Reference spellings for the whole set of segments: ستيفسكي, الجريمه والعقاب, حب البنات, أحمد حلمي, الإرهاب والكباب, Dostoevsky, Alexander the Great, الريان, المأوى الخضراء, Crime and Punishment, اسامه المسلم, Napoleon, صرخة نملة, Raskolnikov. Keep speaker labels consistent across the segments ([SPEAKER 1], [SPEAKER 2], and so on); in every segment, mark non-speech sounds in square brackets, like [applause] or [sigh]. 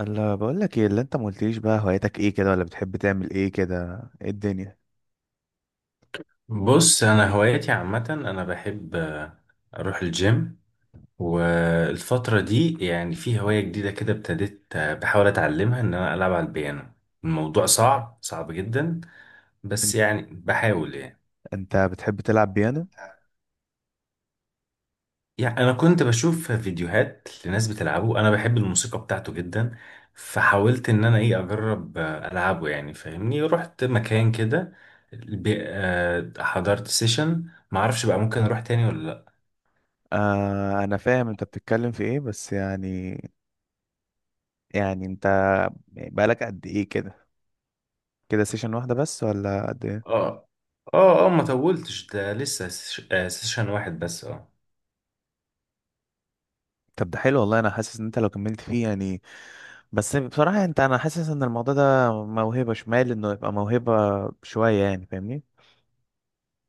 [SPEAKER 1] اللي بقول لك، ايه اللي انت ما قلتليش؟ بقى هوايتك ايه كده، ولا بتحب تعمل ايه كده؟ ايه الدنيا؟
[SPEAKER 2] بص، انا هواياتي عامه، انا بحب اروح الجيم. والفتره دي يعني في هوايه جديده كده، ابتديت بحاول اتعلمها ان انا العب على البيانو. الموضوع صعب صعب جدا، بس
[SPEAKER 1] انت
[SPEAKER 2] يعني بحاول يعني.
[SPEAKER 1] انت بتحب تلعب بيانو؟
[SPEAKER 2] يعني انا كنت بشوف فيديوهات لناس بتلعبه، انا بحب الموسيقى بتاعته جدا، فحاولت ان انا ايه اجرب العبه، يعني فاهمني، رحت مكان كده، حضرت سيشن. معرفش بقى ممكن اروح تاني ولا.
[SPEAKER 1] آه، انا فاهم انت بتتكلم في ايه، بس يعني. يعني بقالك قد ايه كده؟ كده سيشن واحدة بس، ولا قد ايه؟
[SPEAKER 2] اه، اه، اه، ما طولتش، ده لسه سيشن واحد بس، اه.
[SPEAKER 1] طب ده حلو والله. انا حاسس ان انت لو كملت فيه يعني. بس بصراحة يعني، انا حاسس ان الموضوع ده موهبة، شمال انه يبقى موهبة شوية يعني، فاهمني.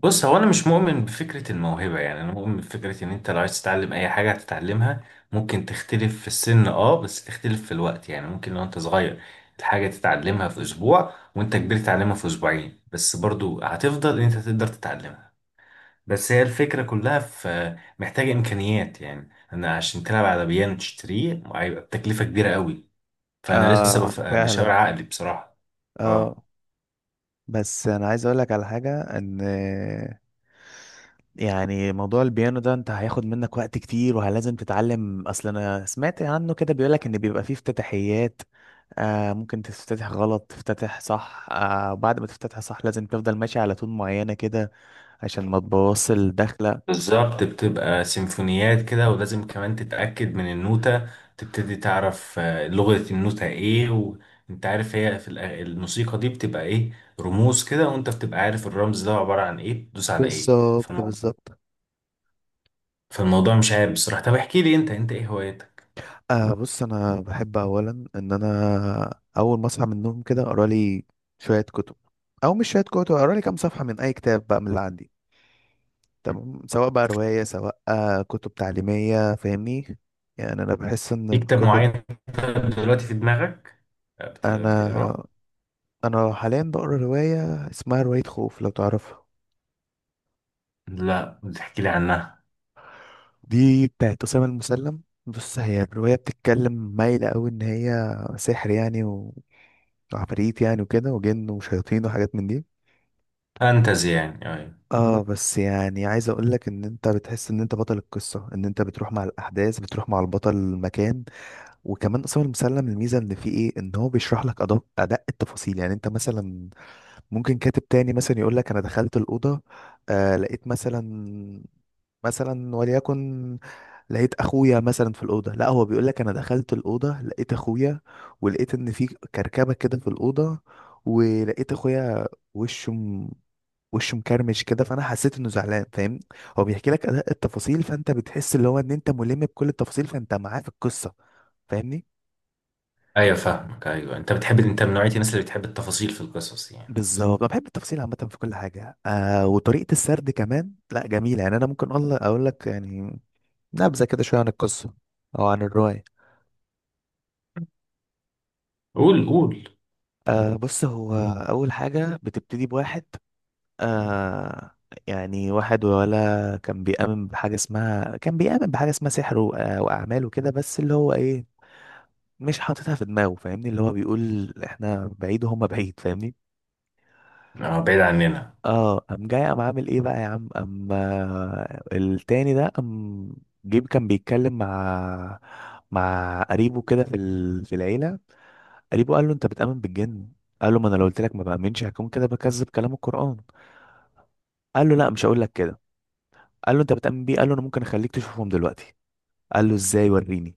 [SPEAKER 2] بص، هو انا مش مؤمن بفكرة الموهبة، يعني انا مؤمن بفكرة ان انت لو عايز تتعلم اي حاجة هتتعلمها. ممكن تختلف في السن، اه، بس تختلف في الوقت. يعني ممكن لو انت صغير الحاجة تتعلمها في اسبوع، وانت كبير تتعلمها في اسبوعين، بس برضو هتفضل ان انت تقدر تتعلمها. بس هي الفكرة كلها في، محتاجة امكانيات، يعني انا عشان تلعب على بيانو تشتريه هيبقى بتكلفة كبيرة قوي. فانا لسه
[SPEAKER 1] آه،
[SPEAKER 2] بشاور
[SPEAKER 1] فعلا.
[SPEAKER 2] عقلي بصراحة. اه.
[SPEAKER 1] اه. بس انا عايز اقول لك على حاجه، ان يعني موضوع البيانو ده، انت هياخد منك وقت كتير، وهلازم تتعلم. اصل انا سمعت عنه كده، بيقول لك ان بيبقى فيه افتتاحيات. ممكن تفتتح غلط تفتتح صح. بعد ما تفتتح صح، لازم تفضل ماشي على تون معينه كده، عشان ما تبوظش الدخله.
[SPEAKER 2] بالظبط، بتبقى سيمفونيات كده، ولازم كمان تتأكد من النوتة، تبتدي تعرف لغة النوتة ايه. وانت عارف هي في الموسيقى دي بتبقى ايه، رموز كده، وانت بتبقى عارف الرمز ده عبارة عن ايه، تدوس على ايه.
[SPEAKER 1] بالظبط،
[SPEAKER 2] فالموضوع،
[SPEAKER 1] بالظبط.
[SPEAKER 2] فالموضوع مش عيب بصراحة. طب احكي لي، انت انت ايه هوايتك؟
[SPEAKER 1] آه، بص، انا بحب اولا، ان انا اول ما اصحى من النوم كده، اقرا لي شويه كتب. او مش شويه كتب، اقرا لي كام صفحه من اي كتاب بقى من اللي عندي. تمام، سواء بقى روايه، سواء كتب تعليميه، فاهمني. يعني انا بحس ان
[SPEAKER 2] في كتاب
[SPEAKER 1] الكتب.
[SPEAKER 2] معين طيب دلوقتي في دماغك
[SPEAKER 1] انا
[SPEAKER 2] بتقراه؟
[SPEAKER 1] انا حاليا بقرا روايه اسمها روايه خوف، لو تعرفها.
[SPEAKER 2] لا، بتحكي لي عنها.
[SPEAKER 1] دي بتاعت اسامه المسلم. بص، هي الروايه بتتكلم مايله قوي ان هي سحر، يعني وعفاريت، يعني، وكده، وجن وشياطين وحاجات من دي.
[SPEAKER 2] فانتزي يعني، ايوه.
[SPEAKER 1] اه، بس يعني عايز اقول لك ان انت بتحس ان انت بطل القصه، ان انت بتروح مع الاحداث، بتروح مع البطل المكان. وكمان اصلا المسلم، الميزه ان فيه ايه؟ ان هو بيشرح لك ادق ادق التفاصيل. يعني انت مثلا ممكن كاتب تاني مثلا يقول لك انا دخلت الاوضه، لقيت مثلا، مثلا وليكن لقيت اخويا مثلا في الاوضه. لا، هو بيقول لك انا دخلت الاوضه، لقيت اخويا، ولقيت ان في كركبه كده في الاوضه، ولقيت اخويا وشه وشه مكرمش كده، فانا حسيت انه زعلان. فاهم؟ هو بيحكي لك ادق التفاصيل، فانت بتحس اللي هو ان انت ملم بكل التفاصيل، فانت معاه في القصه. فاهمني.
[SPEAKER 2] ايوه، فاهمك، ايوه. انت بتحب، انت من نوعية الناس اللي بتحب التفاصيل في القصص يعني.
[SPEAKER 1] بالظبط، انا بحب التفاصيل عامه في كل حاجه. وطريقه السرد كمان، لا، جميله يعني. انا ممكن اقول لك يعني نبذه كده شويه عن القصه، او عن الروايه.
[SPEAKER 2] قول، قول.
[SPEAKER 1] آه، بص هو اول حاجه بتبتدي بواحد. آه، يعني واحد ولا كان بيؤمن بحاجه اسمها، سحر واعمال وكده. بس اللي هو ايه، مش حاططها في دماغه، فاهمني، اللي هو بيقول احنا بعيد وهم بعيد، فاهمني.
[SPEAKER 2] اه، بعيد عننا.
[SPEAKER 1] اه، قام جاي، قام عامل ايه بقى يا عم، قام، التاني ده قام جيب. كان بيتكلم مع قريبه كده في في العيله. قريبه قال له، انت بتؤمن بالجن؟ قال له، ما انا لو قلت لك ما بامنش هكون كده بكذب كلام القران. قال له، لا، مش هقول لك كده. قال له، انت بتؤمن بيه؟ قال له، انا ممكن اخليك تشوفهم دلوقتي. قال له، ازاي؟ وريني.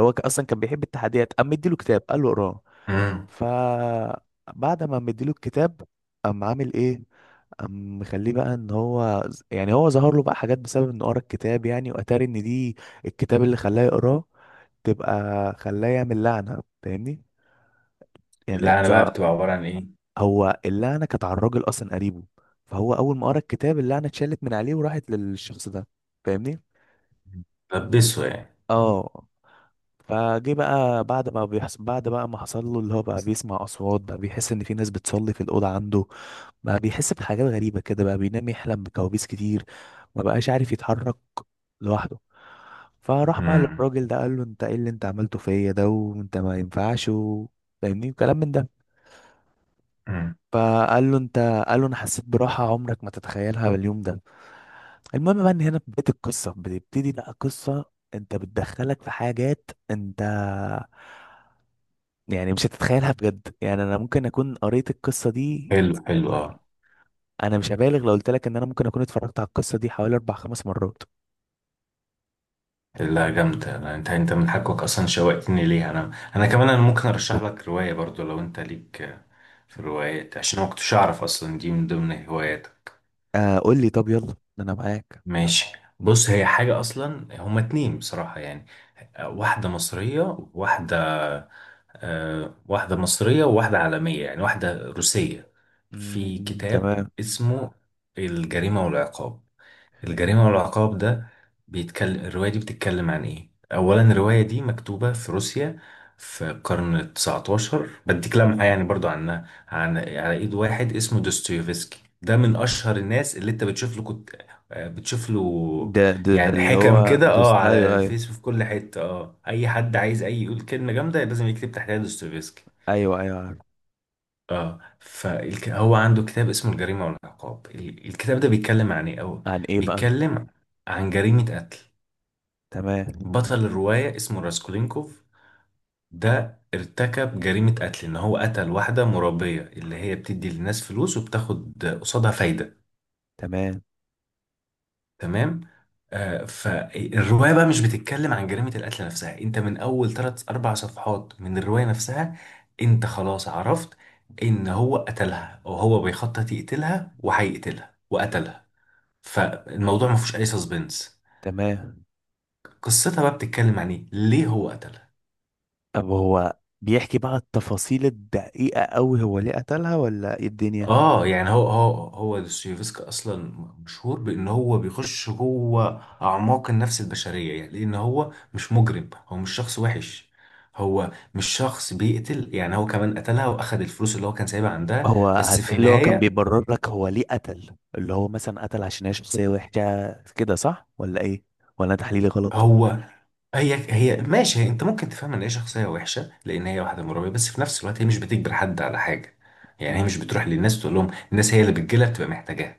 [SPEAKER 1] هو اصلا كان بيحب التحديات، قام مديله كتاب قال له اقراه.
[SPEAKER 2] امم.
[SPEAKER 1] فبعد ما مديله الكتاب، قام عامل ايه؟ قام مخليه بقى ان هو يعني هو ظهر له بقى حاجات بسبب انه قرا الكتاب يعني. واتاري ان دي الكتاب اللي خلاه يقراه تبقى خلاه يعمل لعنه، فاهمني. يعني
[SPEAKER 2] اللعنة بقى بتبقى عبارة عن ايه؟
[SPEAKER 1] هو اللعنه كانت على الراجل اصلا، قريبه. فهو اول ما قرا الكتاب، اللعنه اتشالت من عليه وراحت للشخص ده، فاهمني.
[SPEAKER 2] لبسه يعني.
[SPEAKER 1] اه. فجه بقى، بعد بقى ما حصل له، اللي هو بقى بيسمع اصوات، بقى بيحس ان في ناس بتصلي في الاوضه عنده، بقى بيحس بحاجات غريبة كده، بقى بينام يحلم بكوابيس كتير، ما بقاش عارف يتحرك لوحده. فراح بقى
[SPEAKER 2] امم.
[SPEAKER 1] للراجل ده قال له، انت ايه اللي انت عملته فيا ده؟ وانت ما ينفعش فاهمني، وكلام من ده.
[SPEAKER 2] امم.
[SPEAKER 1] فقال له، انت. قال له، انا حسيت براحة عمرك ما تتخيلها باليوم ده. المهم بقى ان هنا بداية القصة بتبتدي بقى قصة انت بتدخلك في حاجات انت يعني مش هتتخيلها بجد. يعني انا ممكن اكون قريت القصة دي،
[SPEAKER 2] حلو، حلو، اه.
[SPEAKER 1] يعني انا مش هبالغ لو قلت لك ان انا ممكن اكون اتفرجت على القصه دي حوالي اربع خمس مرات.
[SPEAKER 2] لا، جامدة، لا، انت من حقك اصلا، شوقتني ليها انا. انا كمان انا ممكن ارشح لك رواية برضو لو انت ليك في الروايات، عشان انا ما كنتش اعرف اصلا دي من ضمن هواياتك.
[SPEAKER 1] آه، قول لي. طب يلا، انا معاك.
[SPEAKER 2] ماشي. بص، هي حاجة اصلا هما اتنين بصراحة يعني. آه، واحدة مصرية وواحدة واحدة مصرية وواحدة عالمية يعني، واحدة روسية. في
[SPEAKER 1] امم،
[SPEAKER 2] كتاب
[SPEAKER 1] تمام.
[SPEAKER 2] اسمه الجريمة والعقاب. الجريمة والعقاب ده الرواية دي بتتكلم عن ايه؟ أولا الرواية دي مكتوبة في روسيا في القرن التسعتاشر، بديك لمحة يعني برضو عنها، على إيد واحد اسمه دوستويفسكي. ده من أشهر الناس اللي أنت بتشوف له، كنت آه، بتشوف له
[SPEAKER 1] ده
[SPEAKER 2] يعني
[SPEAKER 1] اللي
[SPEAKER 2] حكم
[SPEAKER 1] هو
[SPEAKER 2] كده، اه،
[SPEAKER 1] دوست،
[SPEAKER 2] على
[SPEAKER 1] ايوه ايوه.
[SPEAKER 2] الفيس وفي كل حتة. اه، أي حد عايز أي يقول كلمة جامدة لازم يكتب تحتها دوستويفسكي.
[SPEAKER 1] ايوه ايوه، عارف.
[SPEAKER 2] اه، فهو عنده كتاب اسمه الجريمة والعقاب، الكتاب ده بيتكلم عن ايه او،
[SPEAKER 1] عن ايه بقى؟
[SPEAKER 2] بيتكلم عن جريمة قتل.
[SPEAKER 1] تمام.
[SPEAKER 2] بطل الرواية اسمه راسكولينكوف، ده ارتكب جريمة قتل ان هو قتل واحدة مربية اللي هي بتدي للناس فلوس وبتاخد قصادها فايدة.
[SPEAKER 1] تمام.
[SPEAKER 2] تمام. فالروايه بقى مش بتتكلم عن جريمه القتل نفسها، انت من اول ثلاث اربع صفحات من الروايه نفسها انت خلاص عرفت ان هو قتلها، او هو بيخطط يقتلها وهيقتلها وقتلها، فالموضوع ما فيهوش اي سسبنس.
[SPEAKER 1] تمام.
[SPEAKER 2] قصتها بقى بتتكلم عن ايه، ليه هو قتلها.
[SPEAKER 1] طب هو بيحكي بقى التفاصيل الدقيقه قوي، هو ليه قتلها ولا ايه الدنيا؟
[SPEAKER 2] اه، يعني هو دوستويفسكي اصلا مشهور بان هو بيخش جوه اعماق النفس البشريه، يعني لان هو مش مجرم، هو مش شخص وحش، هو مش شخص بيقتل، يعني هو كمان قتلها واخد الفلوس اللي هو كان سايبها عندها،
[SPEAKER 1] هو،
[SPEAKER 2] بس في
[SPEAKER 1] هتلاقي اللي هو كان
[SPEAKER 2] النهايه.
[SPEAKER 1] بيبرر لك هو ليه قتل، اللي هو مثلا قتل عشان هي شخصيه وحشه كده، صح ولا ايه؟ ولا أنا تحليلي غلط؟
[SPEAKER 2] هو هي هي ماشي، هي انت ممكن تفهم ان هي شخصيه وحشه لان هي واحده مرابيه، بس في نفس الوقت هي مش بتجبر حد على حاجه، يعني هي مش
[SPEAKER 1] امم.
[SPEAKER 2] بتروح للناس تقول لهم، الناس هي اللي بتجيلها بتبقى محتاجاها.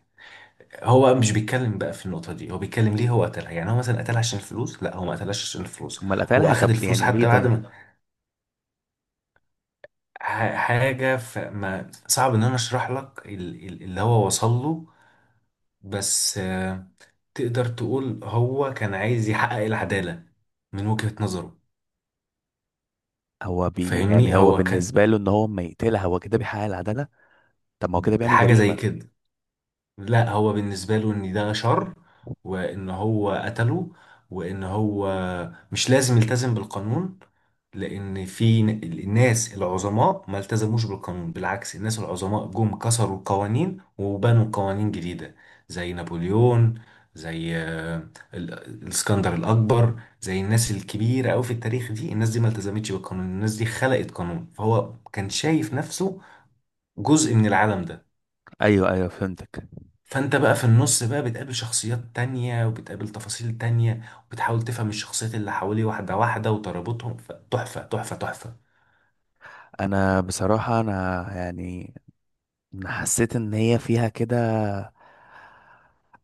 [SPEAKER 2] هو مش بيتكلم بقى في النقطة دي، هو بيتكلم ليه هو قتلها. يعني هو مثلا قتلها عشان الفلوس؟ لا، هو ما قتلهاش عشان الفلوس.
[SPEAKER 1] امال
[SPEAKER 2] هو
[SPEAKER 1] قتلها
[SPEAKER 2] أخد
[SPEAKER 1] طب،
[SPEAKER 2] الفلوس
[SPEAKER 1] يعني ليه
[SPEAKER 2] حتى بعد
[SPEAKER 1] طيب؟
[SPEAKER 2] ما حاجة، فما صعب إن أنا أشرح لك اللي هو وصل له، بس تقدر تقول هو كان عايز يحقق العدالة من وجهة نظره.
[SPEAKER 1] هو
[SPEAKER 2] فاهمني،
[SPEAKER 1] يعني، هو
[SPEAKER 2] هو كان
[SPEAKER 1] بالنسبة له ان هو اما يقتلها هو كده بيحقق العدالة. طب ما هو كده بيعمل
[SPEAKER 2] حاجة زي
[SPEAKER 1] جريمة؟
[SPEAKER 2] كده. لا، هو بالنسبة له ان ده شر، وان هو قتله، وان هو مش لازم يلتزم بالقانون، لان في الناس العظماء ما التزموش بالقانون، بالعكس، الناس العظماء جم كسروا القوانين وبنوا قوانين جديدة، زي نابليون، زي الاسكندر الاكبر، زي الناس الكبيرة قوي في التاريخ، دي الناس دي ما التزمتش بالقانون، الناس دي خلقت قانون، فهو كان شايف نفسه جزء من العالم ده.
[SPEAKER 1] ايوه ايوه، فهمتك.
[SPEAKER 2] فانت بقى في النص بقى بتقابل شخصيات تانية وبتقابل تفاصيل تانية، وبتحاول تفهم الشخصيات اللي حواليه واحدة واحدة وترابطهم، فتحفة تحفة تحفة.
[SPEAKER 1] انا بصراحة انا يعني، أنا حسيت ان هي فيها كده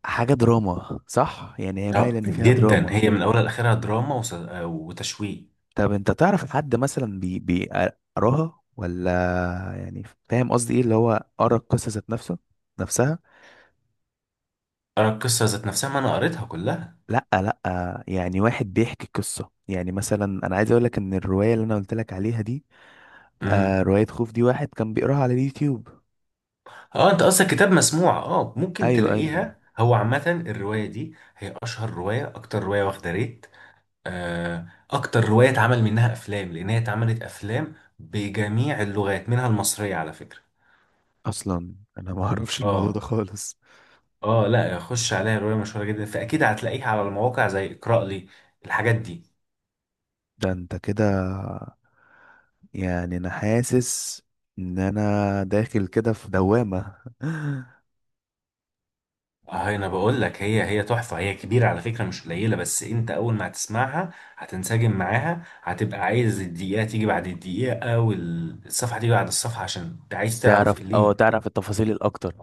[SPEAKER 1] حاجة دراما، صح؟ يعني هي مايلة
[SPEAKER 2] لا،
[SPEAKER 1] ان فيها
[SPEAKER 2] جدا،
[SPEAKER 1] دراما.
[SPEAKER 2] هي من اولها لاخرها دراما وتشويق.
[SPEAKER 1] طب انت تعرف حد مثلا بيقراها ولا؟ يعني، فاهم قصدي؟ ايه اللي هو قرا القصة ذات نفسها؟
[SPEAKER 2] ارى القصة ذات نفسها، ما انا قريتها كلها.
[SPEAKER 1] لا، لا، يعني واحد بيحكي قصة. يعني مثلا انا عايز اقول لك ان الرواية اللي انا قلت لك عليها دي،
[SPEAKER 2] امم.
[SPEAKER 1] رواية خوف دي، واحد كان بيقراها على اليوتيوب.
[SPEAKER 2] اه، انت قصدك كتاب مسموع، اه، ممكن
[SPEAKER 1] ايوه ايوه.
[SPEAKER 2] تلاقيها. هو عامة الرواية دي هي اشهر رواية، اكتر رواية واخدة ريت، اكتر رواية اتعمل منها افلام، لان هي اتعملت افلام بجميع اللغات منها المصرية على فكرة.
[SPEAKER 1] اصلا انا ما [laughs] اعرفش الموضوع ده
[SPEAKER 2] اه.
[SPEAKER 1] خالص.
[SPEAKER 2] اه، لا، خش عليها، روايه مشهوره جدا، فاكيد هتلاقيها على المواقع زي اقرا لي الحاجات دي.
[SPEAKER 1] ده انت كده، يعني انا حاسس ان انا داخل كده في دوامة. [laughs]
[SPEAKER 2] اه، انا بقول لك هي هي تحفه، هي كبيره على فكره، مش قليله، بس انت اول ما هتسمعها هتنسجم معاها، هتبقى عايز الدقيقه تيجي بعد الدقيقه والصفحه تيجي بعد الصفحه عشان انت عايز تعرف
[SPEAKER 1] تعرف اه
[SPEAKER 2] ليه.
[SPEAKER 1] تعرف التفاصيل الاكتر.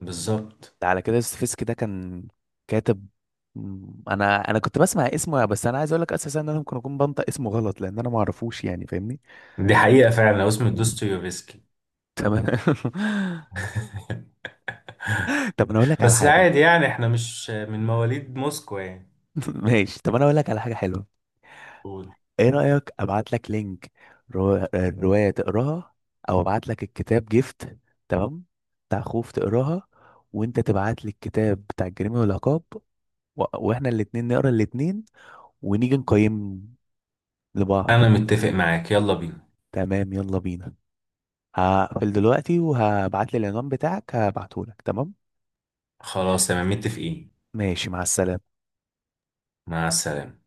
[SPEAKER 2] بالظبط.
[SPEAKER 1] ده على كده ستيفسكي ده كان كاتب. انا كنت بسمع اسمه، بس انا عايز اقول لك اساسا ان انا ممكن اكون بنطق اسمه غلط، لان انا ما اعرفوش يعني، فاهمني.
[SPEAKER 2] دي حقيقه فعلا، هو اسمه دوستويفسكي.
[SPEAKER 1] تمام. [laughs] طب انا اقول لك على
[SPEAKER 2] بس
[SPEAKER 1] حاجه.
[SPEAKER 2] عادي يعني، احنا مش من مواليد موسكو يعني.
[SPEAKER 1] [laughs] ماشي. طب انا اقول لك على حاجه حلوه.
[SPEAKER 2] قول.
[SPEAKER 1] ايه رايك ابعت لك لينك، روايه تقراها، او ابعت لك الكتاب جيفت، تمام، بتاع خوف تقراها، وانت تبعت لي الكتاب بتاع الجريمه والعقاب، واحنا الاتنين نقرا الاتنين، ونيجي نقيم لبعض.
[SPEAKER 2] انا متفق معاك، يلا بينا.
[SPEAKER 1] تمام، يلا بينا. هقفل دلوقتي وهبعت لي العنوان بتاعك هبعته لك، تمام.
[SPEAKER 2] خلاص، تمام، متفقين.
[SPEAKER 1] ماشي، مع السلامه.
[SPEAKER 2] مع السلامه.